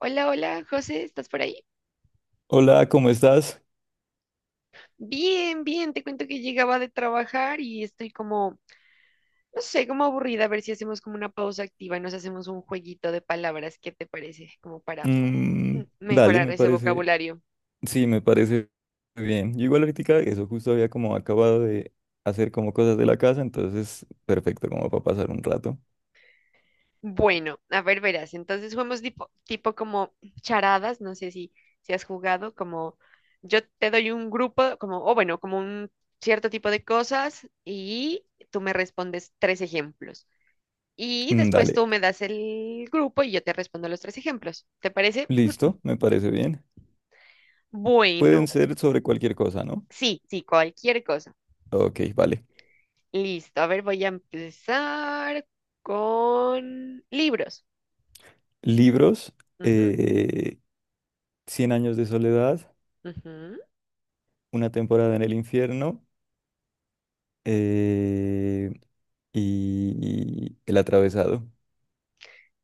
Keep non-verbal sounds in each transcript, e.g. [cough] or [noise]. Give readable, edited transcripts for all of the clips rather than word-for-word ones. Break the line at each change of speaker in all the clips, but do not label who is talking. Hola, hola, José, ¿estás por ahí?
Hola, ¿cómo estás?
Bien, bien, te cuento que llegaba de trabajar y estoy como, no sé, como aburrida, a ver si hacemos como una pausa activa y nos hacemos un jueguito de palabras, ¿qué te parece? Como para
Mm, dale,
mejorar
me
ese
parece,
vocabulario.
sí, me parece bien. Yo igual ahorita eso justo había como acabado de hacer como cosas de la casa, entonces perfecto como para pasar un rato.
Bueno, a ver, verás, entonces jugamos tipo como charadas, no sé si has jugado, como yo te doy un grupo, como, o bueno, como un cierto tipo de cosas y tú me respondes tres ejemplos. Y
Mm,
después
dale,
tú me das el grupo y yo te respondo los tres ejemplos. ¿Te parece?
listo, me parece bien. Pueden
Bueno,
ser sobre cualquier cosa, ¿no?
sí, sí, cualquier cosa.
Ok, vale.
Listo, a ver, voy a empezar con libros.
Libros,
Ujú,
eh, Cien años de soledad,
ujú.
Una temporada en el infierno eh, y El atravesado.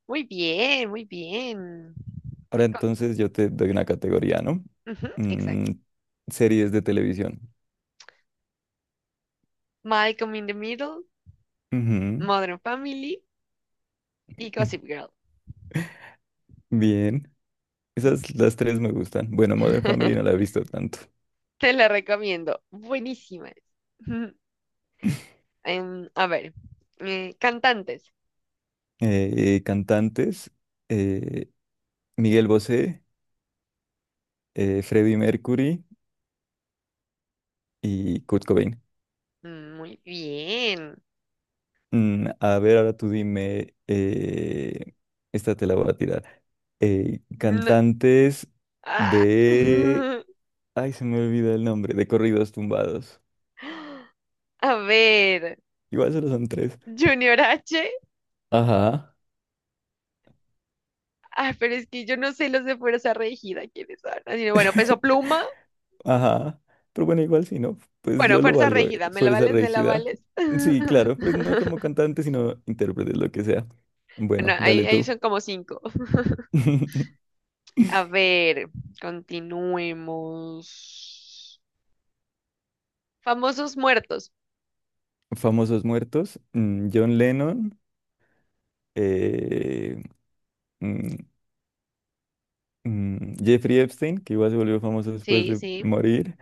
Muy bien, muy bien.
Ahora
Co-
entonces yo te doy una categoría, ¿no?
ujú,
Mm,
exacto.
series de televisión.
Malcolm in the Middle,
Ujú.
Modern Family y Gossip
[laughs]
Girl.
Bien.
Mm.
Esas las tres me gustan. Bueno, Modern Family no la
[laughs]
he visto tanto.
Te la recomiendo. Buenísima. Es.
[laughs]
[laughs] A ver, cantantes.
Cantantes, eh, Miguel Bosé, Freddie Mercury y Kurt Cobain.
Muy bien.
Mm, a ver, ahora tú dime, esta te la voy a tirar.
No-
Cantantes
ah.
de...
[laughs]
Ay, se me olvida el nombre, de corridos tumbados.
A ver,
Igual solo son tres.
Junior H.
Ajá,
Ah, pero es que yo no sé los de Fuerza Regida, ¿quiénes son? Así, que bueno, Peso Pluma.
ajá. Pero bueno, igual si no, pues
Bueno,
yo lo
Fuerza
valgo,
Regida, ¿me la
Fuerza
vales? ¿Me la
rígida.
vales?
Sí, claro, pues no como
[laughs]
cantante, sino intérprete, lo que sea. Bueno,
Bueno, ahí,
dale
ahí
tú.
son como cinco.
[laughs]
A ver, continuemos. Famosos muertos.
Famosos muertos, mm, John Lennon, eh, mm, Jeffrey Epstein, que igual se volvió famoso después
Sí,
de
sí.
morir,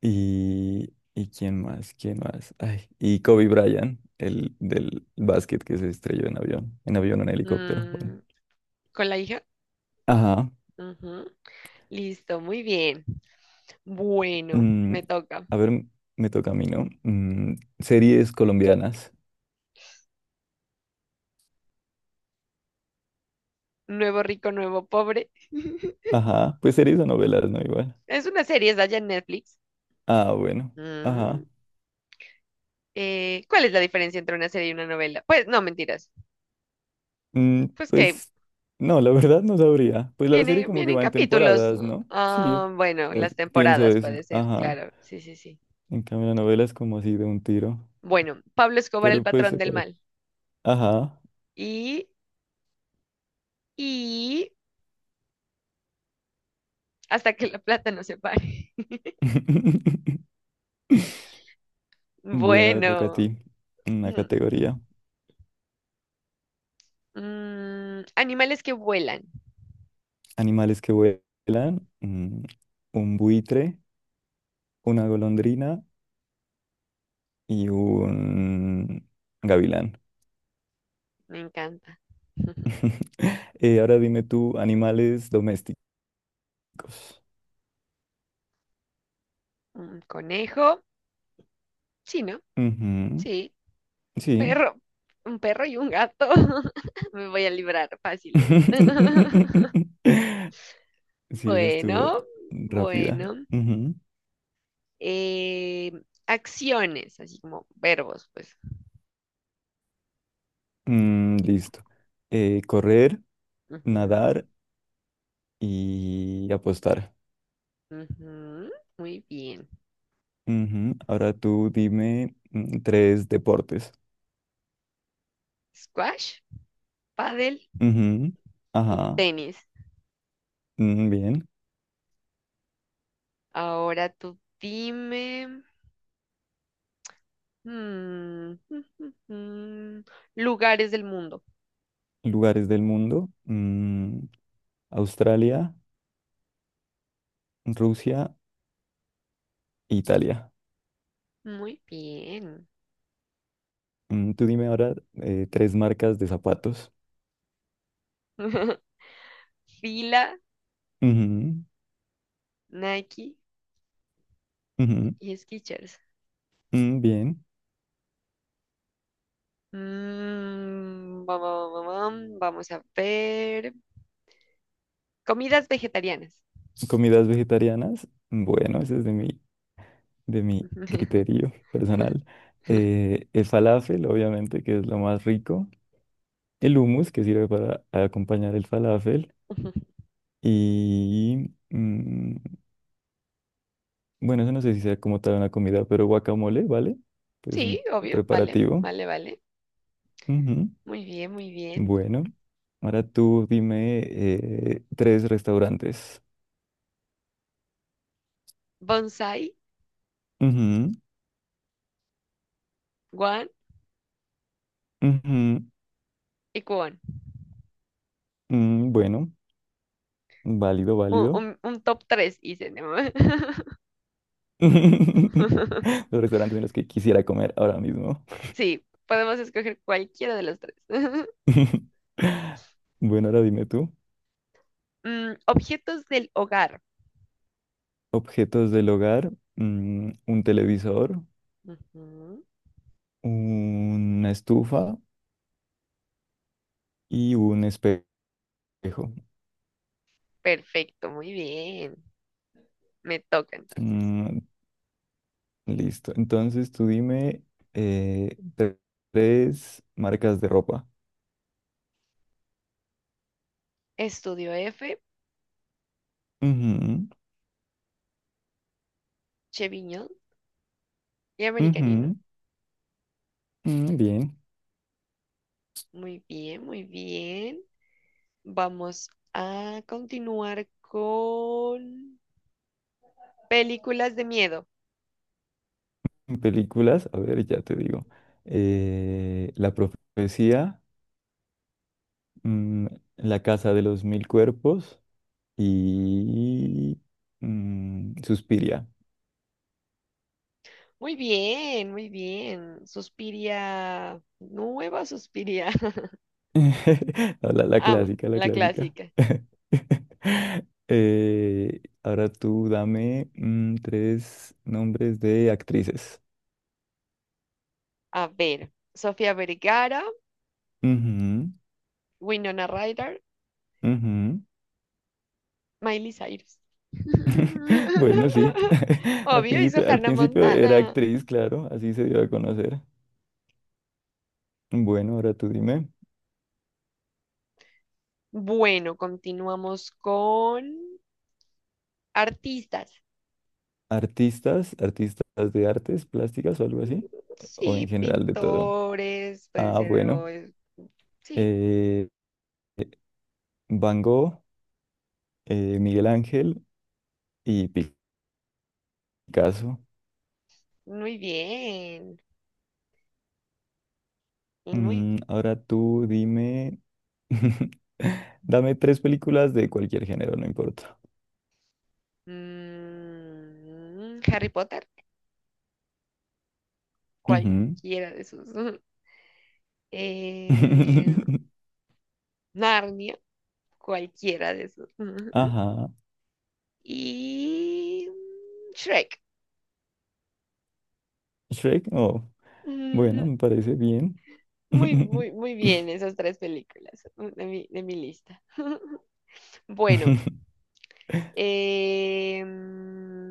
y quién más, ay, y Kobe Bryant, el del básquet que se estrelló en avión, en avión, en helicóptero, bueno.
Mm, ¿con la hija?
Ajá.
Listo, muy bien. Bueno,
Mm,
me toca.
a ver, me toca a mí, ¿no? Mm, series colombianas.
Nuevo rico, nuevo pobre. [laughs]
Ajá, pues series o novelas, ¿no? Igual.
Es una serie, es allá en Netflix.
Ah, bueno.
Mm,
Ajá.
¿cuál es la diferencia entre una serie y una novela? Pues no, mentiras.
Mm,
Pues que
pues no, la [laughs] verdad no sabría. Pues la serie como que
vienen
va en
capítulos.
temporadas,
¿No?
¿no? Sí,
Ah, bueno, las
pienso
temporadas
eso.
puede ser,
Ajá.
claro. Sí, sí, sí.
En cambio, la novela es como así de un tiro.
Bueno, Pablo Escobar, el
Pero pues
patrón
se
del
parece.
mal.
Ajá.
Y, y hasta que la plata no se pare.
[laughs]
[laughs]
Bueno, ahora toca a
Bueno.
ti. Una
[clears throat]
categoría.
Mm, animales que vuelan.
Animales que vuelan. Mm, un buitre, una golondrina y un gavilán.
Me encanta. [laughs]
[laughs] Ahora dime tú, animales domésticos.
Un conejo. Sí, ¿no?
Ujú,
Sí.
sí.
Perro. Un perro y un gato. [laughs] Me voy a librar fáciles. [laughs]
[laughs] Sí, esa estuvo
Bueno,
rápida.
bueno.
Ujú.
Eh, acciones, así como verbos, pues.
Mm, listo. Correr,
Ujú,
nadar y apostar.
ujú. Muy bien.
Ujú. Ahora tú dime mm, tres deportes.
Squash, paddle
Ujú.
y
Ajá.
tenis.
Mm, bien.
Ahora tú dime. Mm, [laughs] lugares del mundo.
Lugares del mundo. Mm, Australia, Rusia, Italia.
Muy bien.
Mm, tú dime ahora tres marcas de zapatos.
[laughs] Fila,
Ujú,
Nike
ujú,
y Skechers.
mm, bien.
Mm, bam, bam, bam, bam, vamos a ver. Comidas vegetarianas.
Comidas vegetarianas. Bueno, ese es de mi
[laughs]
criterio personal. El falafel, obviamente, que es lo más rico. El hummus, que sirve para acompañar el falafel. Y mm, bueno, eso no sé si sea como tal una comida, pero guacamole, ¿vale? Que es
Sí,
un
obvio, vale,
preparativo.
vale, vale. Muy bien, muy bien.
Bueno, ahora tú dime tres restaurantes.
Bonsai,
Ujú,
guan
ujú,
y cubón.
mm, bueno, válido,
Un,
válido.
un top 3 hice, ¿no?
[laughs]
[laughs]
Los restaurantes en los que quisiera comer ahora mismo.
Sí, podemos escoger cualquiera de los tres. [laughs]
[laughs] Bueno, ahora dime tú.
Mm, objetos del hogar.
Objetos del hogar, mm, un televisor,
Ujú,
una estufa y un espejo.
perfecto, muy bien. Me toca entonces.
Mm, listo. Entonces tú dime eh, tre- tres marcas de ropa.
Estudio F, Cheviño y Americanino.
Ujú, mm, bien.
Muy bien, muy bien. Vamos a continuar con películas de miedo.
En películas, a ver, ya te digo. La profecía, mm, La casa de los mil cuerpos y mm, Suspiria.
Muy bien, muy bien. Suspiria, nueva Suspiria. [laughs]
[laughs] No, la
Ah,
clásica, la
la
clásica.
clásica.
[laughs] Ahora tú dame mm, tres nombres de actrices.
A ver, Sofía Vergara,
Ujú,
Winona Ryder,
ujú.
Miley Cyrus.
[laughs] Bueno, sí.
[laughs]
[laughs]
Obvio, hizo
Al
Hannah
principio era
Montana.
actriz, claro, así se dio a conocer. Bueno, ahora tú dime,
Bueno, continuamos con artistas.
artistas, artistas de artes plásticas o algo así, o
Sí,
en general de todo.
pintores, pueden
Ah,
ser,
bueno,
sí,
eh, Van Gogh, Miguel Ángel y Picasso.
muy bien, y muy,
Mm, ahora tú dime, [laughs] dame tres películas de cualquier género, no importa.
mm, Harry Potter,
Ujú.
cualquiera de esos, [laughs] eh,
[laughs]
Narnia, cualquiera de esos, [laughs]
Ajá,
y mm, Shrek, [laughs]
Shrek, no. Bueno,
Mm,
me parece bien.
muy, muy,
[laughs]
muy bien esas tres películas mm, de mi lista. [laughs] Bueno. Eh, mm,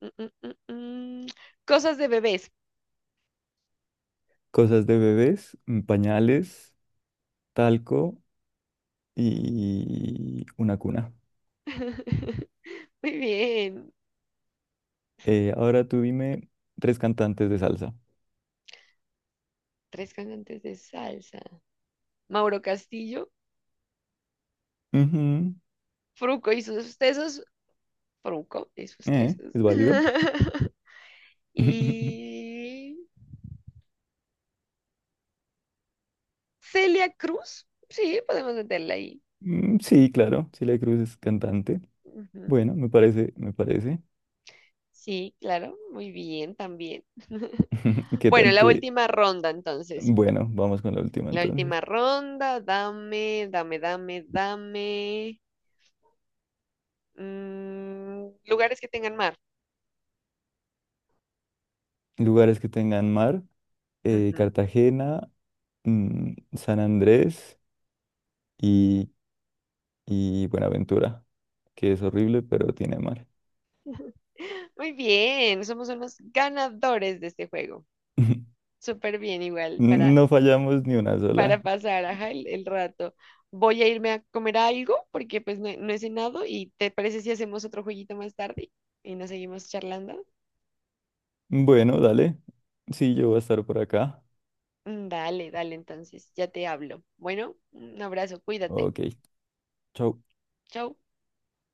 mm, mm, mm, mm, cosas de bebés.
Cosas de bebés, mm, pañales, talco y una cuna.
[laughs] Muy bien.
Ahora tú dime tres cantantes de salsa.
Tres cantantes de salsa. Mauro Castillo,
Ujú,
Fruco y sus tesos. Fruco y sus tesos.
¿es válido?
[laughs]
[laughs]
Y Celia Cruz. Sí, podemos meterla ahí.
Mm, sí, claro, Celia Cruz es cantante.
Ujú.
Bueno, me parece, me parece.
Sí, claro. Muy bien, también. [laughs]
[laughs] ¿Qué
Bueno,
tal
la
te...?
última ronda entonces.
Bueno, vamos con la última
La última
entonces.
ronda, dame, dame, dame, dame. Mm, lugares que tengan mar.
Lugares que tengan mar,
Ujú.
Cartagena, mm, San Andrés y y Buenaventura, que es horrible, pero tiene mar.
Muy bien, somos unos ganadores de este juego.
[laughs]
Súper bien, igual,
No fallamos ni una sola.
para pasar ajá, el rato. Voy a irme a comer algo porque pues no, he no he cenado y ¿te parece si hacemos otro jueguito más tarde y nos seguimos charlando?
Bueno, dale. Sí, yo voy a estar por acá.
Mm, dale, dale, entonces, ya te hablo. Bueno, un abrazo, cuídate.
Ok, chau.
Chau.